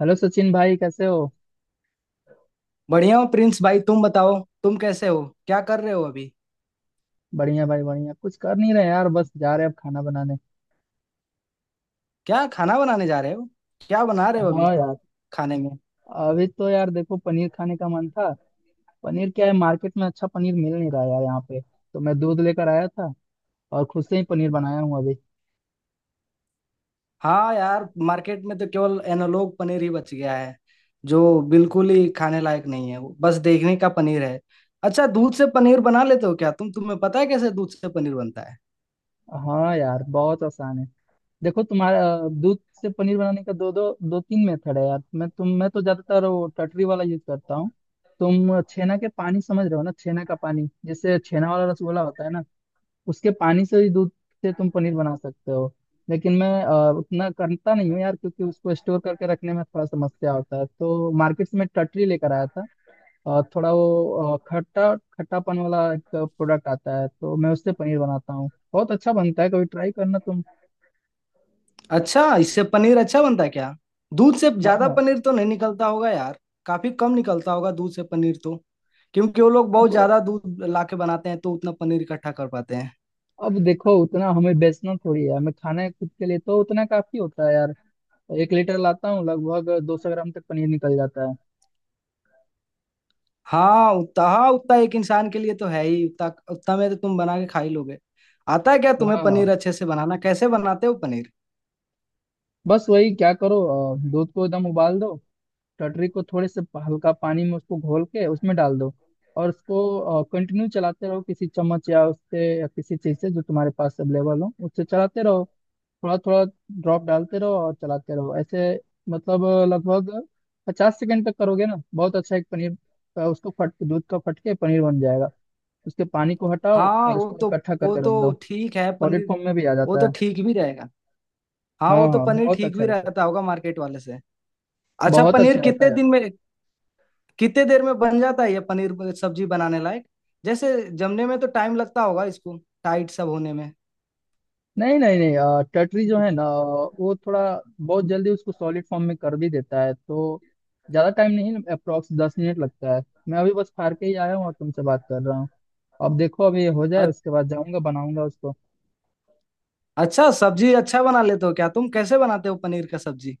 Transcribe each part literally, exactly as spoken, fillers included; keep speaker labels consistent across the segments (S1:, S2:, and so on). S1: Hello Sachin भाई, कैसे हो।
S2: बढ़िया हो प्रिंस भाई, तुम बताओ। तुम कैसे हो, क्या कर रहे हो अभी?
S1: बढ़िया भाई बढ़िया, कुछ कर नहीं रहे यार, बस जा रहे अब खाना बनाने।
S2: क्या खाना बनाने जा रहे हो? क्या बना रहे हो अभी
S1: हाँ यार।
S2: खाने में?
S1: अभी तो यार देखो पनीर खाने का मन था। पनीर क्या है, मार्केट में अच्छा पनीर मिल नहीं रहा यार, यहाँ पे तो मैं दूध लेकर आया था और खुद से ही पनीर बनाया हूँ अभी।
S2: हाँ यार, मार्केट में तो केवल एनालॉग पनीर ही बच गया है, जो बिल्कुल ही खाने लायक नहीं है। वो बस देखने का पनीर है। अच्छा, दूध से पनीर बना लेते हो क्या तुम? तुम्हें पता है कैसे दूध से पनीर बनता है?
S1: हाँ यार बहुत आसान है। देखो, तुम्हारा अ, दूध से पनीर बनाने का दो दो दो तीन मेथड है यार। मैं तुम मैं तो ज्यादातर वो टटरी वाला यूज करता हूँ। तुम छेना के पानी समझ रहे हो ना, छेना का पानी, जैसे छेना वाला रसगुल्ला होता है ना, उसके पानी से ही दूध से तुम पनीर बना सकते हो। लेकिन मैं अ, उतना करता नहीं हूँ यार, क्योंकि उसको स्टोर करके रखने में थोड़ा समस्या होता है, तो मार्केट से मैं टटरी लेकर आया था। और थोड़ा वो अ, खट्टा खट्टापन वाला एक प्रोडक्ट आता है, तो मैं उससे पनीर बनाता हूँ, बहुत अच्छा बनता है, कभी ट्राई करना तुम।
S2: अच्छा, इससे पनीर अच्छा बनता है क्या? दूध से
S1: हाँ
S2: ज्यादा
S1: हाँ।
S2: पनीर तो नहीं निकलता होगा यार। काफी कम निकलता होगा दूध से पनीर तो, क्योंकि वो लोग बहुत
S1: अब
S2: ज्यादा दूध लाके बनाते हैं तो उतना पनीर इकट्ठा कर पाते हैं।
S1: अब देखो, उतना हमें बेचना थोड़ी है, हमें खाना है खुद के लिए, तो उतना काफी होता है यार। एक लीटर लाता हूँ, लगभग दो सौ ग्राम तक पनीर निकल जाता है।
S2: हाँ उतना, हाँ उतना एक इंसान के लिए तो है ही। उतना उतना में तो तुम बना के खा ही लोगे। आता है क्या
S1: हाँ
S2: तुम्हें
S1: हाँ।
S2: पनीर अच्छे से बनाना? कैसे बनाते हो पनीर?
S1: बस वही क्या करो, अ, दूध को एकदम उबाल दो, टटरी को थोड़े से हल्का पानी में उसको घोल के उसमें डाल दो, और उसको कंटिन्यू चलाते रहो, किसी चम्मच या उससे या किसी चीज से जो तुम्हारे पास अवेलेबल हो, उससे चलाते रहो। थोड़ा थोड़ा ड्रॉप डालते रहो और चलाते रहो ऐसे। मतलब अ, लगभग पचास सेकंड तक करोगे ना, बहुत अच्छा एक पनीर का, उसको फट, दूध का फट के पनीर बन जाएगा। उसके पानी को हटाओ
S2: हाँ
S1: और
S2: वो
S1: इसको
S2: तो,
S1: इकट्ठा
S2: वो
S1: करके रख दो।
S2: तो ठीक है
S1: सॉलिड
S2: पनीर।
S1: फॉर्म में भी आ
S2: वो
S1: जाता
S2: तो
S1: है।
S2: ठीक भी रहेगा। हाँ
S1: हाँ
S2: वो तो
S1: हाँ,
S2: पनीर
S1: बहुत
S2: ठीक
S1: अच्छा
S2: भी
S1: रहता है।
S2: रहता होगा मार्केट वाले से। अच्छा,
S1: बहुत
S2: पनीर
S1: अच्छा रहता
S2: कितने
S1: है यार।
S2: दिन में, कितने देर में बन जाता है ये पनीर सब्जी बनाने लायक? जैसे जमने में तो टाइम लगता होगा इसको, टाइट सब होने में।
S1: नहीं नहीं नहीं। अ, टटरी जो है ना, वो थोड़ा बहुत जल्दी उसको सॉलिड फॉर्म में कर भी देता है, तो ज़्यादा टाइम नहीं, अप्रोक्स दस मिनट लगता है। मैं अभी बस फाड़ के ही आया हूँ और तुमसे बात कर रहा हूँ। अब देखो, अभी ये हो जाए
S2: अ-
S1: उसके बाद जाऊंगा बनाऊंगा उसको।
S2: अच्छा, सब्जी अच्छा बना लेते हो क्या तुम? कैसे बनाते हो पनीर का सब्जी?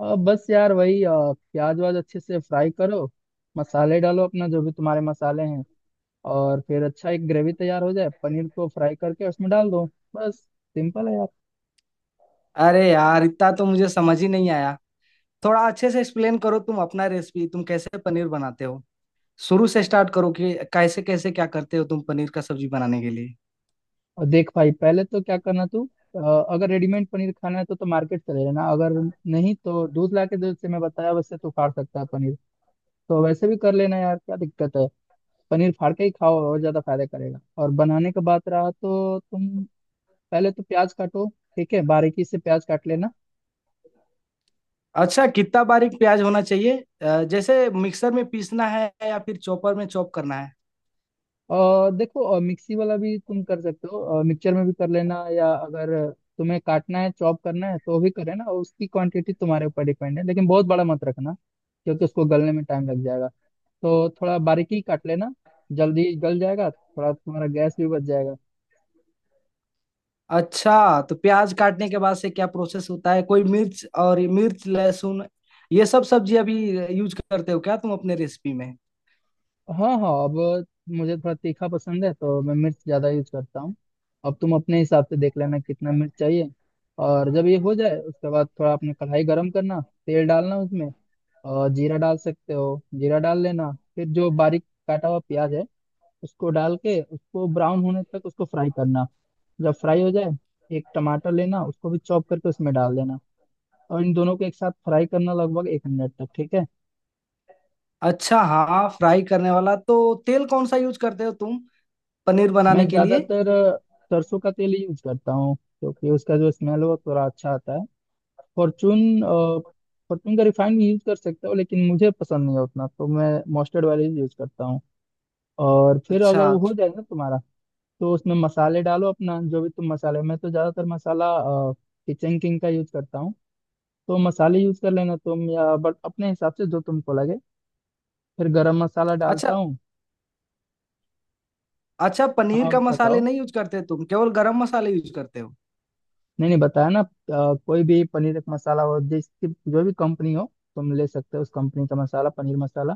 S1: अब बस यार वही अ, प्याज वाज अच्छे से फ्राई करो, मसाले डालो अपना जो भी तुम्हारे मसाले हैं, और फिर अच्छा एक ग्रेवी तैयार हो जाए, पनीर को फ्राई करके उसमें डाल दो। बस, सिंपल है यार।
S2: अरे यार, इतना तो मुझे समझ ही नहीं आया। थोड़ा अच्छे से एक्सप्लेन करो तुम अपना रेसिपी। तुम कैसे पनीर बनाते हो? शुरू से स्टार्ट करो कि कैसे कैसे क्या करते हो तुम पनीर का सब्जी बनाने के लिए।
S1: और देख भाई, पहले तो क्या करना तू, अ, अगर रेडीमेड पनीर खाना है तो तो मार्केट चले जाना, अगर नहीं तो दूध ला के, दूध से मैं बताया वैसे तो फाड़ सकता है पनीर, तो वैसे भी कर लेना यार, क्या दिक्कत है। पनीर फाड़ के ही खाओ और ज्यादा फायदा करेगा। और बनाने का बात रहा तो तुम पहले तो प्याज काटो, ठीक है, बारीकी से प्याज काट लेना।
S2: अच्छा, कितना बारीक प्याज होना चाहिए? अ, जैसे मिक्सर में पीसना है या फिर चॉपर में चॉप करना है?
S1: और देखो, अ, मिक्सी वाला भी तुम कर सकते हो, मिक्सचर में भी कर लेना, या अगर तुम्हें काटना है, चॉप करना है, तो भी करे ना। उसकी क्वांटिटी तुम्हारे ऊपर डिपेंड है, लेकिन बहुत बड़ा मत रखना, क्योंकि उसको गलने में टाइम लग जाएगा। तो थोड़ा बारीकी काट लेना, जल्दी गल जाएगा, थोड़ा तुम्हारा गैस भी बच जाएगा।
S2: अच्छा, तो प्याज काटने के बाद से क्या प्रोसेस होता है? कोई मिर्च, और मिर्च लहसुन ये सब सब्जी अभी यूज करते हो क्या तुम अपने रेसिपी में?
S1: हाँ हाँ। अब मुझे थोड़ा तीखा पसंद है, तो मैं मिर्च ज़्यादा यूज करता हूँ। अब तुम अपने हिसाब से देख लेना कितना मिर्च चाहिए। और जब ये हो जाए, उसके बाद थोड़ा अपने कढ़ाई गरम करना, तेल डालना उसमें, और जीरा डाल सकते हो, जीरा डाल लेना। फिर जो बारीक काटा हुआ प्याज है, उसको डाल के उसको ब्राउन होने तक उसको फ्राई करना। जब फ्राई हो जाए, एक टमाटर लेना, उसको भी चॉप करके उसमें डाल देना, और इन दोनों को एक साथ फ्राई करना लगभग एक मिनट तक, ठीक है।
S2: अच्छा, हाँ फ्राई करने वाला तो तेल कौन सा यूज करते हो तुम पनीर बनाने
S1: मैं
S2: के लिए?
S1: ज्यादातर अ, सरसों का तेल यूज करता हूँ, क्योंकि उसका जो स्मेल है वो थोड़ा अच्छा आता है। फॉर्चून, अ, फॉर्चून का रिफाइंड भी यूज कर सकता हूँ, लेकिन मुझे पसंद नहीं है उतना, तो मैं मस्टर्ड वाले ही यूज करता हूँ। और फिर अगर
S2: अच्छा
S1: वो हो जाए ना तुम्हारा, तो उसमें मसाले डालो अपना जो भी तुम मसाले। मैं तो ज्यादातर मसाला किचन किंग का यूज करता हूँ। तो मसाले यूज कर लेना तुम या बट अपने हिसाब से, जो तुमको लगे। फिर गरम मसाला
S2: अच्छा।
S1: डालता हूँ।
S2: अच्छा, पनीर
S1: हाँ
S2: का मसाले
S1: बताओ।
S2: नहीं यूज करते तुम, केवल गरम मसाले यूज करते हो?
S1: नहीं नहीं, बताया ना, अ, कोई भी पनीर एक मसाला हो, जिसकी जो भी कंपनी हो, तुम ले सकते हो उस कंपनी का मसाला, पनीर मसाला।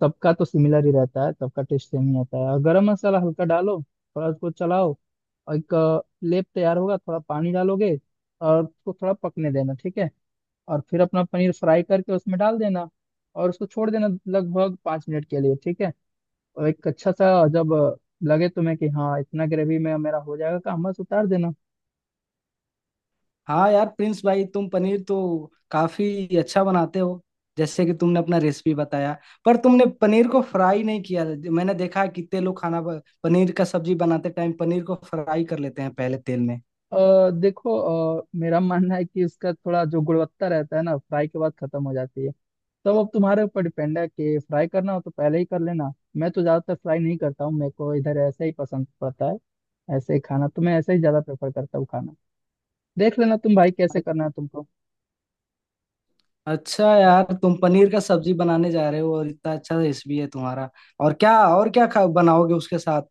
S1: सबका तो सिमिलर ही रहता है, सबका टेस्ट सेम ही आता है। और गरम मसाला हल्का डालो, थोड़ा उसको चलाओ, और एक अ, लेप तैयार होगा, थोड़ा पानी डालोगे और उसको थोड़ा पकने देना, ठीक है। और फिर अपना पनीर फ्राई करके उसमें डाल देना, और उसको छोड़ देना लगभग पाँच मिनट के लिए, ठीक है। और एक अच्छा सा, जब अ, लगे तुम्हें कि हाँ, इतना ग्रेवी में मेरा हो जाएगा काम, बस उतार देना।
S2: हाँ यार प्रिंस भाई, तुम पनीर तो काफी अच्छा बनाते हो। जैसे कि तुमने अपना रेसिपी बताया, पर तुमने पनीर को फ्राई नहीं किया। मैंने देखा है कितने लोग खाना ब- पनीर का सब्जी बनाते टाइम पनीर को फ्राई कर लेते हैं पहले तेल में।
S1: अ, देखो, अ, मेरा मानना है कि इसका थोड़ा जो गुणवत्ता रहता है ना, फ्राई के बाद खत्म हो जाती है। तब अब तुम्हारे ऊपर डिपेंड है कि फ्राई करना हो तो पहले ही कर लेना। मैं तो ज्यादातर फ्राई नहीं करता हूँ, मेरे को इधर ऐसे ही पसंद पड़ता है, ऐसे ही खाना, तो मैं ऐसे ही ज्यादा प्रेफर करता हूँ खाना। देख लेना तुम भाई, कैसे
S2: अ-
S1: करना है तुमको।
S2: अच्छा यार, तुम पनीर का सब्जी बनाने जा रहे हो और इतना अच्छा रेसिपी है तुम्हारा। और क्या, और क्या खा बनाओगे उसके साथ,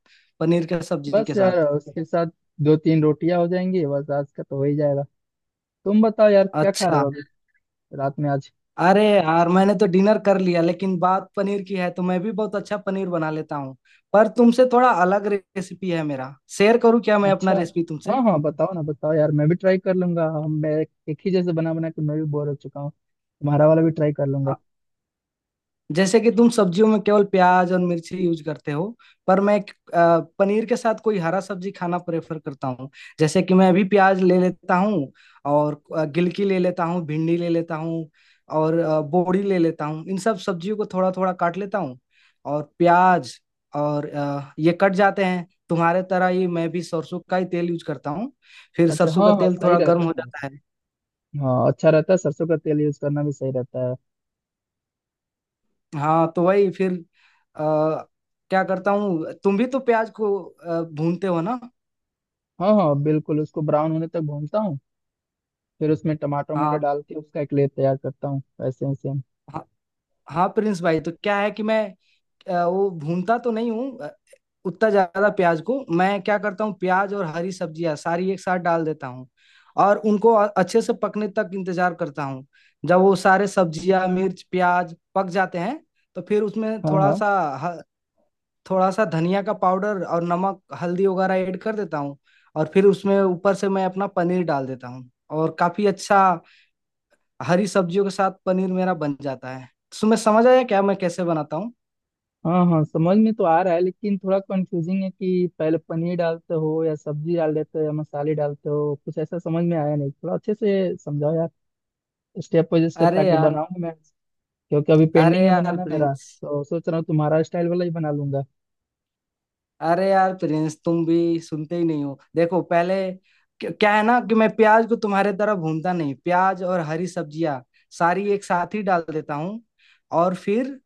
S2: पनीर के सब्जी
S1: बस
S2: के
S1: यार,
S2: साथ?
S1: उसके साथ दो तीन रोटियां हो जाएंगी, बस आज का तो हो ही जाएगा। तुम बताओ यार, क्या खा रहे हो
S2: अच्छा।
S1: अभी, रात में आज।
S2: अरे यार, मैंने तो डिनर कर लिया, लेकिन बात पनीर की है तो मैं भी बहुत अच्छा पनीर बना लेता हूँ। पर तुमसे थोड़ा अलग रेसिपी है मेरा। शेयर करूँ क्या मैं अपना
S1: अच्छा।
S2: रेसिपी तुमसे?
S1: हाँ हाँ, बताओ ना, बताओ यार, मैं भी ट्राई कर लूंगा। हम मैं एक ही जैसे बना बना के मैं भी बोर हो चुका हूँ, तुम्हारा वाला भी ट्राई कर लूंगा।
S2: जैसे कि तुम सब्जियों में केवल प्याज और मिर्ची यूज करते हो, पर मैं एक, अ, पनीर के साथ कोई हरा सब्जी खाना प्रेफर करता हूँ। जैसे कि मैं अभी प्याज ले लेता हूँ और अ, गिलकी ले लेता हूँ, भिंडी ले लेता हूँ और अ, बोड़ी ले लेता हूँ। इन सब सब्जियों को थोड़ा थोड़ा काट लेता हूँ, और प्याज और अ, ये कट जाते हैं। तुम्हारे तरह ही मैं भी सरसों का ही तेल यूज करता हूँ। फिर
S1: अच्छा।
S2: सरसों
S1: हाँ
S2: का
S1: हाँ,
S2: तेल
S1: सही
S2: थोड़ा गर्म
S1: रहता है
S2: हो
S1: ना।
S2: जाता है।
S1: हाँ अच्छा रहता है, सरसों का तेल यूज करना भी सही रहता है।
S2: हाँ तो वही फिर आ, क्या करता हूँ, तुम भी तो प्याज को अ, भूनते हो ना?
S1: हाँ हाँ बिल्कुल, उसको ब्राउन होने तक भूनता हूँ, फिर उसमें टमाटर वमाटर
S2: हाँ
S1: डाल के उसका एक लेयर तैयार करता हूँ, वैसे ही सेम।
S2: हाँ। हाँ प्रिंस भाई, तो क्या है कि मैं अ, वो भूनता तो नहीं हूँ अ, उतना ज्यादा प्याज को। मैं क्या करता हूँ, प्याज और हरी सब्जियाँ सारी एक साथ डाल देता हूँ और उनको अ- अच्छे से पकने तक इंतजार करता हूँ। जब वो सारे सब्जियाँ, मिर्च, प्याज पक जाते हैं, तो फिर उसमें
S1: हाँ
S2: थोड़ा
S1: हाँ।
S2: सा, थोड़ा सा धनिया का पाउडर और नमक, हल्दी वगैरह ऐड कर देता हूँ। और फिर उसमें ऊपर से मैं अपना पनीर डाल देता हूँ, और काफी अच्छा हरी सब्जियों के साथ पनीर मेरा बन जाता है। तुम्हें समझ आया क्या मैं कैसे बनाता हूँ?
S1: हाँ हाँ, समझ में तो आ रहा है, लेकिन थोड़ा कंफ्यूजिंग है कि पहले पनीर डालते हो या सब्जी डाल देते हो या मसाले डालते हो, कुछ ऐसा समझ में आया नहीं। थोड़ा अच्छे से समझाओ यार, स्टेप बाय स्टेप,
S2: अरे
S1: ताकि
S2: यार,
S1: बनाऊं मैं, क्योंकि अभी
S2: अरे
S1: पेंडिंग है
S2: यार
S1: बनाना मेरा।
S2: प्रिंस,
S1: तो सोच रहा हूँ तुम्हारा स्टाइल वाला ही बना लूंगा।
S2: अरे यार प्रिंस, तुम भी सुनते ही नहीं हो। देखो पहले, क्या, क्या है ना कि मैं प्याज को तुम्हारे तरह भूनता नहीं। प्याज और हरी सब्जियाँ सारी एक साथ ही डाल देता हूँ और फिर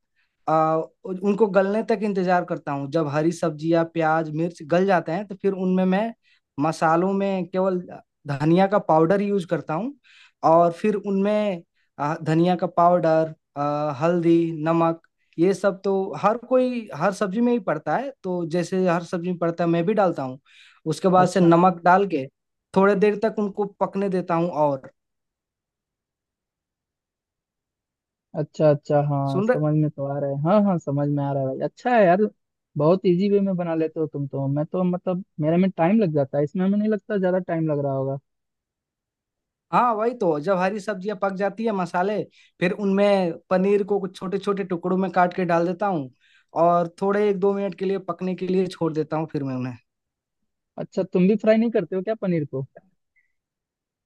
S2: आ, उन- उनको गलने तक इंतजार करता हूँ। जब हरी सब्जियाँ, प्याज, मिर्च गल जाते हैं, तो फिर उनमें मैं मसालों में केवल धनिया का पाउडर यूज करता हूँ। और फिर उनमें आ, धनिया का पाउडर, आ, हल्दी, नमक, ये सब तो हर कोई हर सब्जी में ही पड़ता है, तो जैसे हर सब्जी में पड़ता है मैं भी डालता हूँ। उसके बाद से
S1: अच्छा
S2: नमक डाल के थोड़े देर तक उनको पकने देता हूँ। और
S1: अच्छा अच्छा। हाँ
S2: सुन रहे?
S1: समझ में तो आ रहा है, हाँ हाँ समझ में आ रहा है भाई, अच्छा है यार, बहुत इजी वे में बना लेते हो तुम तो। मैं तो मतलब, मेरे में टाइम लग जाता है इसमें, हमें नहीं लगता ज्यादा टाइम लग रहा होगा।
S2: हाँ वही तो, जब हरी सब्जियां पक जाती है, मसाले, फिर उनमें पनीर को कुछ छोटे छोटे टुकड़ों में काट के डाल देता हूँ और थोड़े एक दो मिनट के लिए पकने के लिए छोड़ देता हूँ। फिर मैं उन्हें,
S1: अच्छा, तुम भी फ्राई नहीं करते हो क्या पनीर को।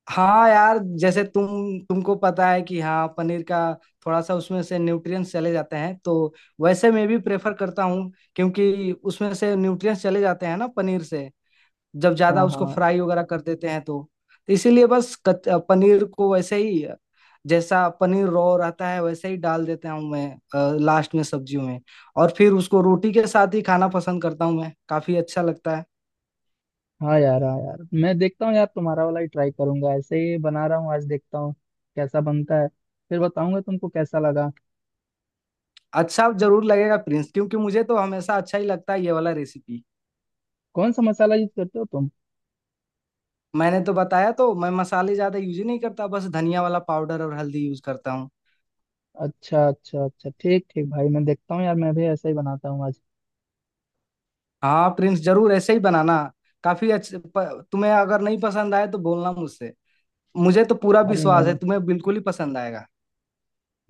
S2: हाँ यार, जैसे तुम, तुमको पता है कि हाँ, पनीर का थोड़ा सा उसमें से न्यूट्रिएंट्स चले जाते हैं, तो वैसे मैं भी प्रेफर करता हूँ, क्योंकि उसमें से न्यूट्रिएंट्स चले जाते हैं ना पनीर से, जब ज्यादा
S1: हाँ
S2: उसको
S1: हाँ।
S2: फ्राई वगैरह कर देते हैं तो। इसीलिए बस कच- पनीर को वैसे ही, जैसा पनीर रो रहता है, वैसे ही डाल देता हूँ मैं लास्ट में सब्जियों में। और फिर उसको रोटी के साथ ही खाना पसंद करता हूँ मैं। काफी अच्छा लगता है।
S1: हाँ यार, हाँ यार, मैं देखता हूँ यार, तुम्हारा वाला ही ट्राई करूंगा, ऐसे ही बना रहा हूँ आज, देखता हूँ कैसा बनता है। फिर बताऊंगा तुमको कैसा लगा।
S2: अच्छा जरूर लगेगा प्रिंस, क्योंकि मुझे तो हमेशा अच्छा ही लगता है ये वाला रेसिपी।
S1: कौन सा मसाला यूज करते हो तुम।
S2: मैंने तो बताया तो, मैं मसाले ज्यादा यूज ही नहीं करता। बस धनिया वाला पाउडर और हल्दी यूज करता हूँ।
S1: अच्छा अच्छा अच्छा, ठीक ठीक भाई, मैं देखता हूँ यार, मैं भी ऐसा ही बनाता हूँ आज।
S2: हाँ प्रिंस, जरूर ऐसे ही बनाना। काफी अच्छे प- तुम्हें अगर नहीं पसंद आए तो बोलना मुझसे। मुझे तो पूरा
S1: अरे नहीं
S2: विश्वास है
S1: नहीं,
S2: तुम्हें बिल्कुल ही पसंद आएगा।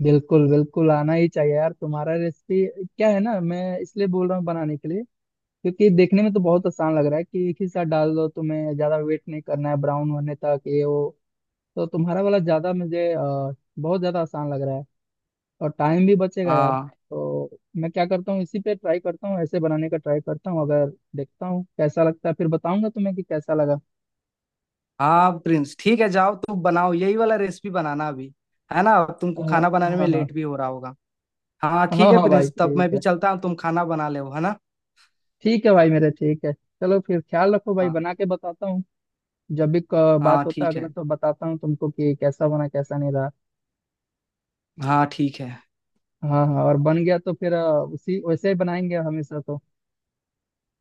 S1: बिल्कुल बिल्कुल आना ही चाहिए यार तुम्हारा रेसिपी, क्या है ना, मैं इसलिए बोल रहा हूँ बनाने के लिए, क्योंकि देखने में तो बहुत आसान लग रहा है, कि एक ही साथ डाल दो, तुम्हें ज्यादा वेट नहीं करना है ब्राउन होने तक, ये वो। तो तुम्हारा वाला ज्यादा मुझे अ, बहुत ज्यादा आसान लग रहा है, और टाइम भी बचेगा यार।
S2: हाँ।
S1: तो मैं क्या करता हूँ, इसी पे ट्राई करता हूँ, ऐसे बनाने का ट्राई करता हूँ अगर, देखता हूँ कैसा लगता है, फिर बताऊंगा तुम्हें कि कैसा लगा।
S2: हाँ प्रिंस, ठीक है, जाओ तुम बनाओ यही वाला रेसिपी बनाना अभी, है ना? अब
S1: अ,
S2: तुमको खाना बनाने में
S1: हाँ हाँ।
S2: लेट भी हो रहा होगा। हाँ ठीक
S1: हाँ
S2: है
S1: हाँ भाई
S2: प्रिंस, तब मैं
S1: ठीक
S2: भी
S1: है।
S2: चलता हूँ, तुम खाना बना ले, है ना?
S1: ठीक है भाई मेरे, ठीक है, चलो फिर ख्याल रखो भाई,
S2: हाँ
S1: बना के बताता हूँ। जब भी क-
S2: हाँ
S1: बात होता है
S2: ठीक है।
S1: अगला, तो बताता हूँ तुमको कि कैसा बना, कैसा नहीं रहा।
S2: हाँ ठीक है।
S1: हाँ हाँ, और बन गया तो फिर अ, उसी वैसे ही बनाएंगे हमेशा तो।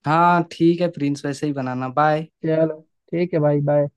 S2: हाँ ठीक है प्रिंस, वैसे ही बनाना, बाय।
S1: चलो, ठीक है भाई, बाय।